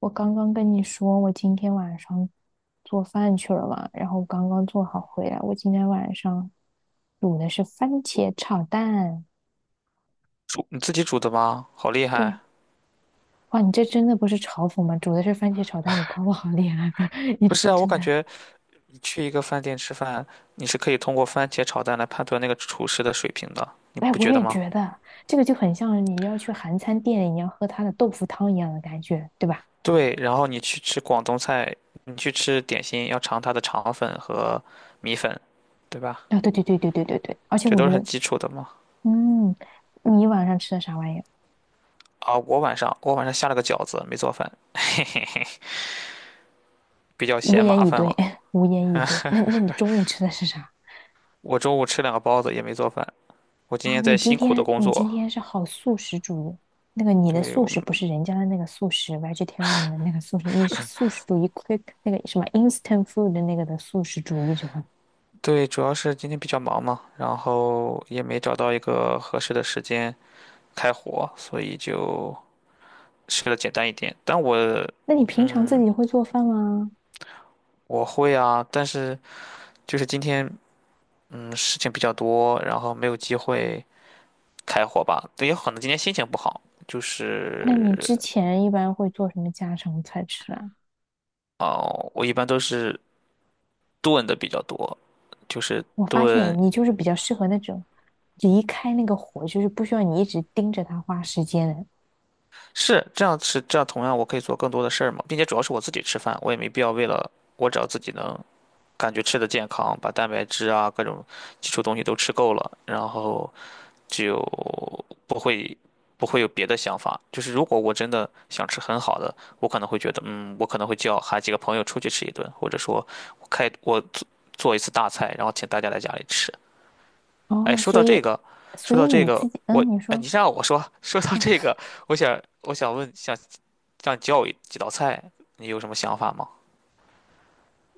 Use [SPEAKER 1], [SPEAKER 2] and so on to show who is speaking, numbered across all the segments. [SPEAKER 1] 我刚刚跟你说，我今天晚上做饭去了嘛，然后刚刚做好回来。我今天晚上煮的是番茄炒蛋。
[SPEAKER 2] 煮你自己煮的吗？好厉害！
[SPEAKER 1] 对，哇，你这真的不是嘲讽吗？煮的是番茄炒蛋，你夸我好厉害，你
[SPEAKER 2] 不
[SPEAKER 1] 这
[SPEAKER 2] 是啊，我
[SPEAKER 1] 真
[SPEAKER 2] 感
[SPEAKER 1] 的。
[SPEAKER 2] 觉你去一个饭店吃饭，你是可以通过番茄炒蛋来判断那个厨师的水平的，你
[SPEAKER 1] 哎，
[SPEAKER 2] 不
[SPEAKER 1] 我
[SPEAKER 2] 觉得
[SPEAKER 1] 也
[SPEAKER 2] 吗？
[SPEAKER 1] 觉得这个就很像你要去韩餐店，你要喝它的豆腐汤一样的感觉，对吧？
[SPEAKER 2] 对，然后你去吃广东菜，你去吃点心，要尝它的肠粉和米粉，对吧？
[SPEAKER 1] 啊，对对对对对对对，而且
[SPEAKER 2] 这
[SPEAKER 1] 我
[SPEAKER 2] 都
[SPEAKER 1] 觉
[SPEAKER 2] 是很
[SPEAKER 1] 得，
[SPEAKER 2] 基础的嘛。
[SPEAKER 1] 嗯，你晚上吃的啥玩意儿？
[SPEAKER 2] 啊，我晚上下了个饺子，没做饭，嘿嘿嘿，比较
[SPEAKER 1] 无
[SPEAKER 2] 嫌
[SPEAKER 1] 言
[SPEAKER 2] 麻
[SPEAKER 1] 以
[SPEAKER 2] 烦
[SPEAKER 1] 对，
[SPEAKER 2] 了。
[SPEAKER 1] 无言以对。那你中午吃的是啥？
[SPEAKER 2] 我中午吃两个包子也没做饭，我今
[SPEAKER 1] 哇，
[SPEAKER 2] 天在
[SPEAKER 1] 你今
[SPEAKER 2] 辛苦的
[SPEAKER 1] 天
[SPEAKER 2] 工
[SPEAKER 1] 你今
[SPEAKER 2] 作。
[SPEAKER 1] 天是好素食主义，那个你的
[SPEAKER 2] 对，
[SPEAKER 1] 素
[SPEAKER 2] 我
[SPEAKER 1] 食
[SPEAKER 2] 们。
[SPEAKER 1] 不是人家的那个素食 vegetarian 的那个素食，你是素食主义 quick 那个什么 instant food 的那个的素食主义者。
[SPEAKER 2] 对，主要是今天比较忙嘛，然后也没找到一个合适的时间开火，所以就吃的简单一点。但我
[SPEAKER 1] 那你平常自己会做饭吗？
[SPEAKER 2] 我会啊，但是就是今天事情比较多，然后没有机会开火吧。也有可能今天心情不好，就
[SPEAKER 1] 那你
[SPEAKER 2] 是
[SPEAKER 1] 之前一般会做什么家常菜吃啊？
[SPEAKER 2] 哦，我一般都是炖的比较多，就是
[SPEAKER 1] 我发
[SPEAKER 2] 炖
[SPEAKER 1] 现你就是比较适合那种离开那个火，就是不需要你一直盯着它花时间的。
[SPEAKER 2] 是这样，同样我可以做更多的事儿嘛，并且主要是我自己吃饭，我也没必要为了我只要自己能感觉吃的健康，把蛋白质啊各种基础东西都吃够了，然后就不会不会有别的想法。就是如果我真的想吃很好的，我可能会觉得，嗯，我可能会叫喊几个朋友出去吃一顿，或者说我做一次大菜，然后请大家来家里吃。哎，
[SPEAKER 1] 哦，
[SPEAKER 2] 说
[SPEAKER 1] 所
[SPEAKER 2] 到这
[SPEAKER 1] 以
[SPEAKER 2] 个，
[SPEAKER 1] 所
[SPEAKER 2] 说
[SPEAKER 1] 以
[SPEAKER 2] 到这
[SPEAKER 1] 你
[SPEAKER 2] 个，
[SPEAKER 1] 自己，
[SPEAKER 2] 我
[SPEAKER 1] 嗯，你
[SPEAKER 2] 哎，
[SPEAKER 1] 说。
[SPEAKER 2] 你让我说，说到这
[SPEAKER 1] 啊，
[SPEAKER 2] 个，我想问，想让你教我几道菜，你有什么想法吗？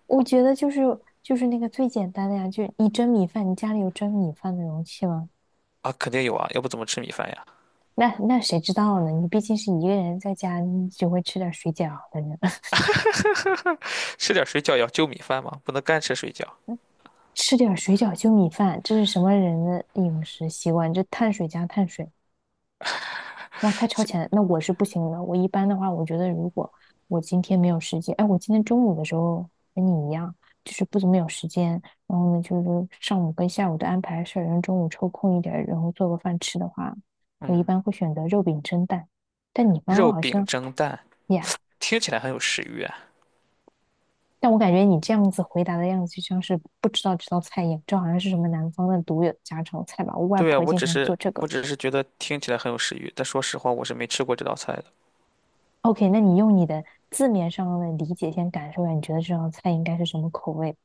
[SPEAKER 1] 我觉得就是那个最简单的呀，就你蒸米饭，你家里有蒸米饭的容器吗？
[SPEAKER 2] 啊，肯定有啊，要不怎么吃米饭呀？
[SPEAKER 1] 那谁知道呢？你毕竟是一个人在家，你只会吃点水饺的人，
[SPEAKER 2] 吃点水饺也要就米饭吗？不能干吃水饺。
[SPEAKER 1] 吃点水饺就米饭，这是什么人的饮食习惯？这碳水加碳水。哇，太超前了，那我是不行的。我一般的话，我觉得如果我今天没有时间，哎，我今天中午的时候跟你一样，就是不怎么有时间，然后呢，就是上午跟下午都安排事儿，然后中午抽空一点儿，然后做个饭吃的话，我一
[SPEAKER 2] 嗯，
[SPEAKER 1] 般会选择肉饼蒸蛋。但你刚刚
[SPEAKER 2] 肉
[SPEAKER 1] 好
[SPEAKER 2] 饼
[SPEAKER 1] 像
[SPEAKER 2] 蒸蛋
[SPEAKER 1] 呀，
[SPEAKER 2] 听起来很有食欲啊。
[SPEAKER 1] 但我感觉你这样子回答的样子，就像是不知道这道菜一样，这好像是什么南方的独有的家常菜吧？我外
[SPEAKER 2] 对啊，
[SPEAKER 1] 婆
[SPEAKER 2] 我
[SPEAKER 1] 经
[SPEAKER 2] 只
[SPEAKER 1] 常做
[SPEAKER 2] 是
[SPEAKER 1] 这个。
[SPEAKER 2] 我只是觉得听起来很有食欲，但说实话我是没吃过这道菜的，
[SPEAKER 1] OK，那你用你的字面上的理解先感受一下，你觉得这道菜应该是什么口味？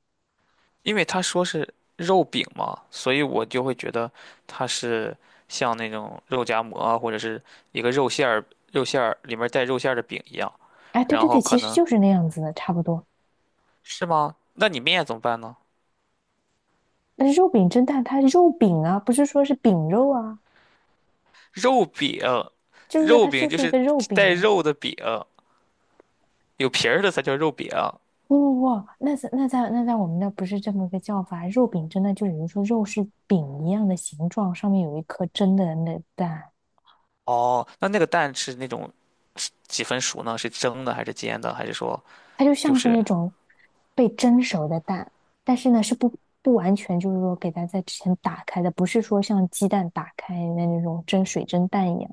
[SPEAKER 2] 因为他说是肉饼嘛，所以我就会觉得它是像那种肉夹馍啊或者是一个肉馅儿里面带肉馅儿的饼一样，
[SPEAKER 1] 哎，对
[SPEAKER 2] 然
[SPEAKER 1] 对对，
[SPEAKER 2] 后可
[SPEAKER 1] 其实
[SPEAKER 2] 能
[SPEAKER 1] 就是那样子的，差不多。
[SPEAKER 2] 是吗？那你面怎么办呢？
[SPEAKER 1] 但是肉饼蒸蛋，它肉饼啊，不是说是饼肉啊，
[SPEAKER 2] 肉饼，
[SPEAKER 1] 就是说
[SPEAKER 2] 肉
[SPEAKER 1] 它就
[SPEAKER 2] 饼就
[SPEAKER 1] 是一
[SPEAKER 2] 是
[SPEAKER 1] 个肉饼
[SPEAKER 2] 带
[SPEAKER 1] 啊。
[SPEAKER 2] 肉的饼，有皮儿的才叫肉饼。
[SPEAKER 1] 哇哇哇，那在我们那不是这么个叫法，肉饼蒸蛋就比如说肉是饼一样的形状，上面有一颗蒸的那蛋。
[SPEAKER 2] 哦，那那个蛋是那种几分熟呢？是蒸的还是煎的？还是说
[SPEAKER 1] 它就
[SPEAKER 2] 就
[SPEAKER 1] 像是
[SPEAKER 2] 是
[SPEAKER 1] 那种被蒸熟的蛋，但是呢是不完全就是说给它在之前打开的，不是说像鸡蛋打开的那种蒸水蒸蛋一样。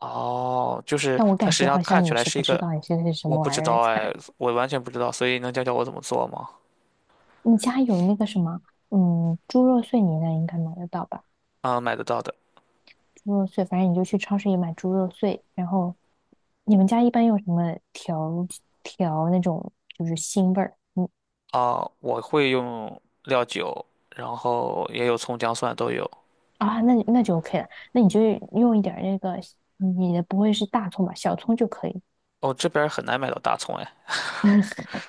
[SPEAKER 2] 哦，就是
[SPEAKER 1] 但我
[SPEAKER 2] 它
[SPEAKER 1] 感
[SPEAKER 2] 实际
[SPEAKER 1] 觉
[SPEAKER 2] 上
[SPEAKER 1] 好像
[SPEAKER 2] 看起
[SPEAKER 1] 你
[SPEAKER 2] 来
[SPEAKER 1] 是
[SPEAKER 2] 是
[SPEAKER 1] 不
[SPEAKER 2] 一
[SPEAKER 1] 知
[SPEAKER 2] 个，
[SPEAKER 1] 道你现在是什
[SPEAKER 2] 我
[SPEAKER 1] 么
[SPEAKER 2] 不
[SPEAKER 1] 玩
[SPEAKER 2] 知
[SPEAKER 1] 意儿
[SPEAKER 2] 道
[SPEAKER 1] 菜。
[SPEAKER 2] 哎，我完全不知道，所以能教教我怎么做吗？
[SPEAKER 1] 你家有那个什么，嗯，猪肉碎你那应该买得到吧？
[SPEAKER 2] 啊，买得到的
[SPEAKER 1] 猪肉碎，反正你就去超市里买猪肉碎。然后你们家一般用什么调那种就是腥味儿？你
[SPEAKER 2] 啊，我会用料酒，然后也有葱姜蒜都有。
[SPEAKER 1] 啊，那你那就 OK 了，那你就用一点儿那个，你的不会是大葱吧？小葱就可以，
[SPEAKER 2] 哦，这边儿很难买到大葱哎。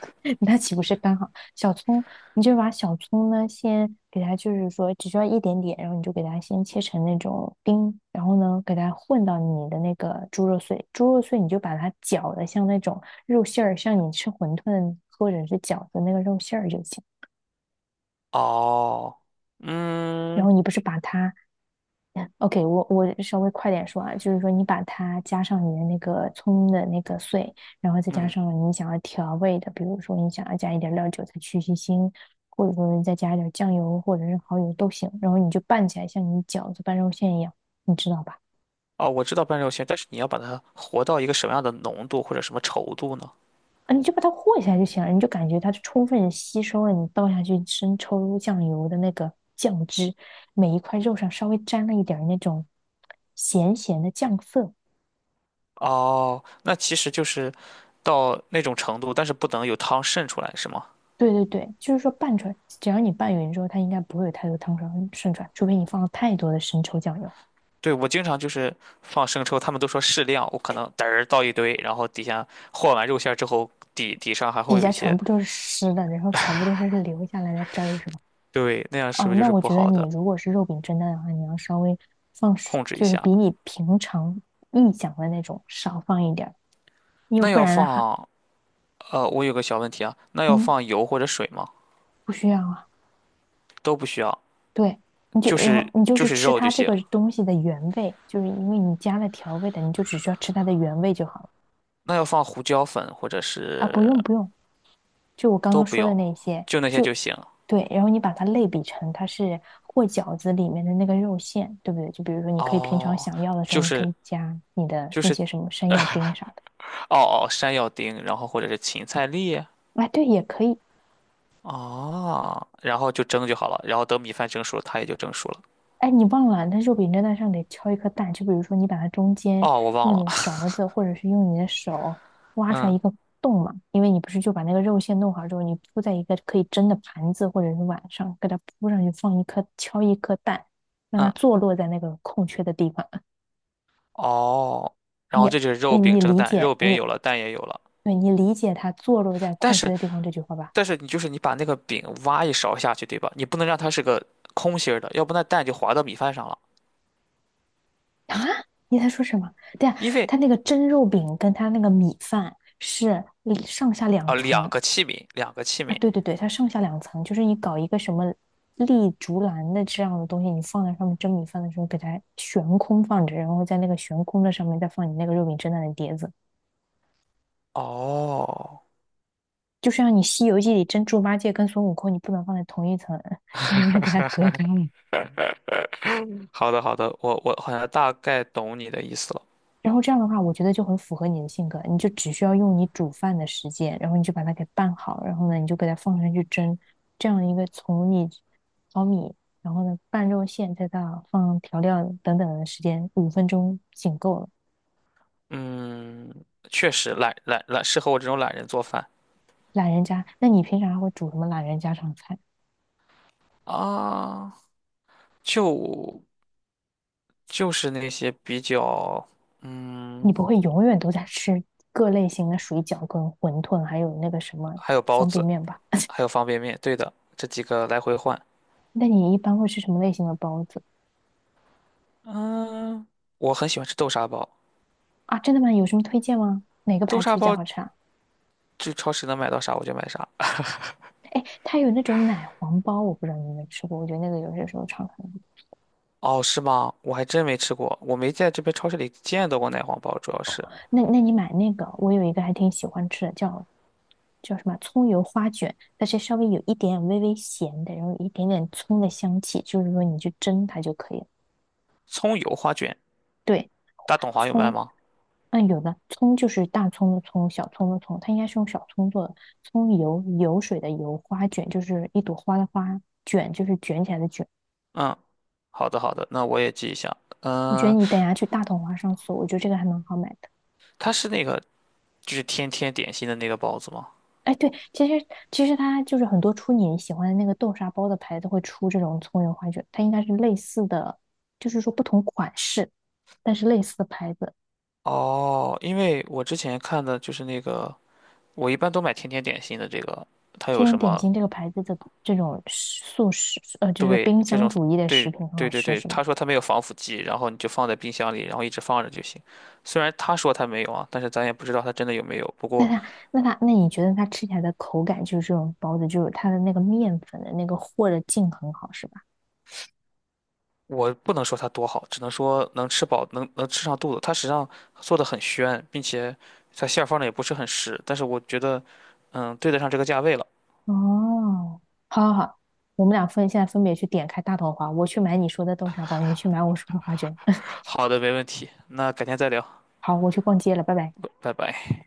[SPEAKER 1] 那岂不是刚好？小葱，你就把小葱呢，先给它，就是说只需要一点点，然后你就给它先切成那种丁，然后呢，给它混到你的那个猪肉碎，猪肉碎你就把它搅的像那种肉馅儿，像你吃馄饨或者是饺子那个肉馅儿就行。
[SPEAKER 2] 哦，
[SPEAKER 1] 然
[SPEAKER 2] 嗯
[SPEAKER 1] 后你不是把它 OK，我稍微快点说啊，就是说你把它加上你的那个葱的那个碎，然后再加
[SPEAKER 2] 嗯，
[SPEAKER 1] 上你想要调味的，比如说你想要加一点料酒才去去腥，或者说再加一点酱油或者是蚝油都行，然后你就拌起来，像你饺子拌肉馅一样，你知道吧？
[SPEAKER 2] 哦，我知道半肉馅，但是你要把它和到一个什么样的浓度或者什么稠度呢？
[SPEAKER 1] 啊，你就把它和一下就行了，你就感觉它充分吸收了你倒下去生抽酱油的那个酱汁，每一块肉上稍微沾了一点儿那种咸咸的酱色。
[SPEAKER 2] 哦，那其实就是到那种程度，但是不能有汤渗出来，是吗？
[SPEAKER 1] 对对对，就是说拌出来，只要你拌匀之后，它应该不会有太多汤水渗出来，除非你放了太多的生抽酱油，
[SPEAKER 2] 对，我经常就是放生抽，他们都说适量，我可能嘚儿倒一堆，然后底下和完肉馅儿之后，底上还
[SPEAKER 1] 底
[SPEAKER 2] 会有
[SPEAKER 1] 下
[SPEAKER 2] 一
[SPEAKER 1] 全
[SPEAKER 2] 些，
[SPEAKER 1] 部都是湿的，然后全部都是留下来的汁儿，是吧？
[SPEAKER 2] 对，那样是不
[SPEAKER 1] 哦，
[SPEAKER 2] 是就
[SPEAKER 1] 那
[SPEAKER 2] 是
[SPEAKER 1] 我
[SPEAKER 2] 不
[SPEAKER 1] 觉得
[SPEAKER 2] 好
[SPEAKER 1] 你
[SPEAKER 2] 的？
[SPEAKER 1] 如果是肉饼蒸蛋的话，你要稍微放
[SPEAKER 2] 控制一
[SPEAKER 1] 就是
[SPEAKER 2] 下。
[SPEAKER 1] 比你平常臆想的那种少放一点儿，为
[SPEAKER 2] 那
[SPEAKER 1] 不
[SPEAKER 2] 要
[SPEAKER 1] 然的话，
[SPEAKER 2] 放，我有个小问题啊，那要
[SPEAKER 1] 嗯，
[SPEAKER 2] 放油或者水吗？
[SPEAKER 1] 不需要啊。
[SPEAKER 2] 都不需要，
[SPEAKER 1] 对，你就然后你就
[SPEAKER 2] 就
[SPEAKER 1] 是
[SPEAKER 2] 是
[SPEAKER 1] 吃
[SPEAKER 2] 肉就
[SPEAKER 1] 它这
[SPEAKER 2] 行。
[SPEAKER 1] 个东西的原味，就是因为你加了调味的，你就只需要吃它的原味就好了
[SPEAKER 2] 那要放胡椒粉或者
[SPEAKER 1] 啊，
[SPEAKER 2] 是
[SPEAKER 1] 不用不用。就我刚
[SPEAKER 2] 都
[SPEAKER 1] 刚
[SPEAKER 2] 不
[SPEAKER 1] 说的
[SPEAKER 2] 用，
[SPEAKER 1] 那些，
[SPEAKER 2] 就那些就
[SPEAKER 1] 就
[SPEAKER 2] 行。
[SPEAKER 1] 对，然后你把它类比成它是和饺子里面的那个肉馅，对不对？就比如说，你可以平常
[SPEAKER 2] 哦，
[SPEAKER 1] 想要的时候，
[SPEAKER 2] 就
[SPEAKER 1] 你可
[SPEAKER 2] 是
[SPEAKER 1] 以加你的
[SPEAKER 2] 就
[SPEAKER 1] 那
[SPEAKER 2] 是
[SPEAKER 1] 些什么山药丁啥的。
[SPEAKER 2] 哦哦，山药丁，然后或者是芹菜粒，
[SPEAKER 1] 哎，对，也可以。
[SPEAKER 2] 哦，然后就蒸就好了，然后等米饭蒸熟了它也就蒸熟了。
[SPEAKER 1] 哎，你忘了，那肉饼蒸蛋上得敲一颗蛋。就比如说，你把它中间
[SPEAKER 2] 哦，我忘
[SPEAKER 1] 用
[SPEAKER 2] 了，
[SPEAKER 1] 你的勺子或者是用你的手挖出来
[SPEAKER 2] 嗯
[SPEAKER 1] 一个洞嘛，因为你不是就把那个肉馅弄好之后，你铺在一个可以蒸的盘子或者是碗上，给它铺上去，放一颗敲一颗蛋，让它
[SPEAKER 2] 嗯，
[SPEAKER 1] 坐落在那个空缺的地方。
[SPEAKER 2] 哦，然
[SPEAKER 1] 你
[SPEAKER 2] 后这就是肉
[SPEAKER 1] 你
[SPEAKER 2] 饼
[SPEAKER 1] 你
[SPEAKER 2] 蒸
[SPEAKER 1] 理
[SPEAKER 2] 蛋，
[SPEAKER 1] 解
[SPEAKER 2] 肉饼
[SPEAKER 1] 你，
[SPEAKER 2] 有了，蛋也有了，
[SPEAKER 1] 对你理解他坐落在
[SPEAKER 2] 但
[SPEAKER 1] 空缺
[SPEAKER 2] 是
[SPEAKER 1] 的地方这句话吧？
[SPEAKER 2] 但是你就是你把那个饼挖一勺下去，对吧？你不能让它是个空心儿的，要不那蛋就滑到米饭上了，
[SPEAKER 1] 啊，你在说什么？对呀，
[SPEAKER 2] 因为
[SPEAKER 1] 他那个蒸肉饼跟他那个米饭是上下两
[SPEAKER 2] 啊、两
[SPEAKER 1] 层
[SPEAKER 2] 个器皿，两个器
[SPEAKER 1] 啊！
[SPEAKER 2] 皿。
[SPEAKER 1] 对对对，它上下两层，就是你搞一个什么立竹篮的这样的东西，你放在上面蒸米饭的时候，给它悬空放着，然后在那个悬空的上面再放你那个肉饼蒸蛋的碟子，
[SPEAKER 2] 哦，
[SPEAKER 1] 就像你《西游记》里蒸猪八戒跟孙悟空，你不能放在同一层，你要给它隔开。
[SPEAKER 2] 好的，我好像大概懂你的意思了。
[SPEAKER 1] 然后这样的话，我觉得就很符合你的性格，你就只需要用你煮饭的时间，然后你就把它给拌好，然后呢，你就给它放上去蒸，这样一个从你淘米，然后呢拌肉馅，再到放调料等等的时间，5分钟仅够了。
[SPEAKER 2] 嗯，确实懒懒懒，适合我这种懒人做饭
[SPEAKER 1] 懒人家，那你平常还会煮什么懒人家常菜？
[SPEAKER 2] 啊，就就是那些比较，
[SPEAKER 1] 你
[SPEAKER 2] 嗯，
[SPEAKER 1] 不会永远都在吃各类型的水饺、跟馄饨，还有那个什么
[SPEAKER 2] 还有包
[SPEAKER 1] 方便
[SPEAKER 2] 子，
[SPEAKER 1] 面吧？
[SPEAKER 2] 还有方便面，对的，这几个来回换。
[SPEAKER 1] 那你一般会吃什么类型的包子
[SPEAKER 2] 嗯，我很喜欢吃豆沙包，
[SPEAKER 1] 啊？真的吗？有什么推荐吗？哪个
[SPEAKER 2] 豆
[SPEAKER 1] 牌子
[SPEAKER 2] 沙
[SPEAKER 1] 比较
[SPEAKER 2] 包
[SPEAKER 1] 好吃啊？
[SPEAKER 2] 就超市能买到啥我就买啥。
[SPEAKER 1] 它有那种奶黄包，我不知道你有没有吃过，我觉得那个有些时候常常。
[SPEAKER 2] 哦，是吗？我还真没吃过，我没在这边超市里见到过奶黄包，主要是
[SPEAKER 1] 那你买那个，我有一个还挺喜欢吃的，叫什么葱油花卷，它是稍微有一点微微咸的，然后有一点点葱的香气，就是说你去蒸它就可以了。
[SPEAKER 2] 葱油花卷，
[SPEAKER 1] 对，
[SPEAKER 2] 大董华有卖
[SPEAKER 1] 葱，
[SPEAKER 2] 吗？
[SPEAKER 1] 嗯，有的葱就是大葱的葱，小葱的葱，它应该是用小葱做的。葱油油水的油，花卷就是一朵花的花，卷就是卷起来的卷。
[SPEAKER 2] 嗯，好的，那我也记一下。
[SPEAKER 1] 我觉得
[SPEAKER 2] 嗯，
[SPEAKER 1] 你等一下去大统华上搜，我觉得这个还蛮好买的。
[SPEAKER 2] 它是那个。就是天天点心的那个包子吗？
[SPEAKER 1] 哎，对，其实它就是很多出你喜欢的那个豆沙包的牌子会出这种葱油花卷，它应该是类似的，就是说不同款式，但是类似的牌子。
[SPEAKER 2] 哦，因为我之前看的就是那个，我一般都买天天点心的这个，它有
[SPEAKER 1] 天天
[SPEAKER 2] 什
[SPEAKER 1] 点
[SPEAKER 2] 么
[SPEAKER 1] 心这个牌子的这种食素食，就是
[SPEAKER 2] 对
[SPEAKER 1] 冰
[SPEAKER 2] 这
[SPEAKER 1] 箱
[SPEAKER 2] 种
[SPEAKER 1] 主义的食
[SPEAKER 2] 对
[SPEAKER 1] 品很好
[SPEAKER 2] 对对
[SPEAKER 1] 吃，
[SPEAKER 2] 对，
[SPEAKER 1] 是吧？
[SPEAKER 2] 他说他没有防腐剂，然后你就放在冰箱里，然后一直放着就行。虽然他说他没有啊，但是咱也不知道他真的有没有。不
[SPEAKER 1] 那
[SPEAKER 2] 过
[SPEAKER 1] 它那它那你觉得它吃起来的口感就是这种包子，就是它的那个面粉的那个和的劲很好，是吧？
[SPEAKER 2] 我不能说它多好，只能说能吃饱，能吃上肚子。它实际上做的很宣，并且它馅儿放的也不是很实，但是我觉得，嗯，对得上这个价位了。
[SPEAKER 1] 哦，好好好，我们俩现在分别去点开大头花，我去买你说的豆沙包，你去买我说的花卷。
[SPEAKER 2] 好的，没问题，那改天再聊。
[SPEAKER 1] 好，我去逛街了，拜拜。
[SPEAKER 2] 拜拜。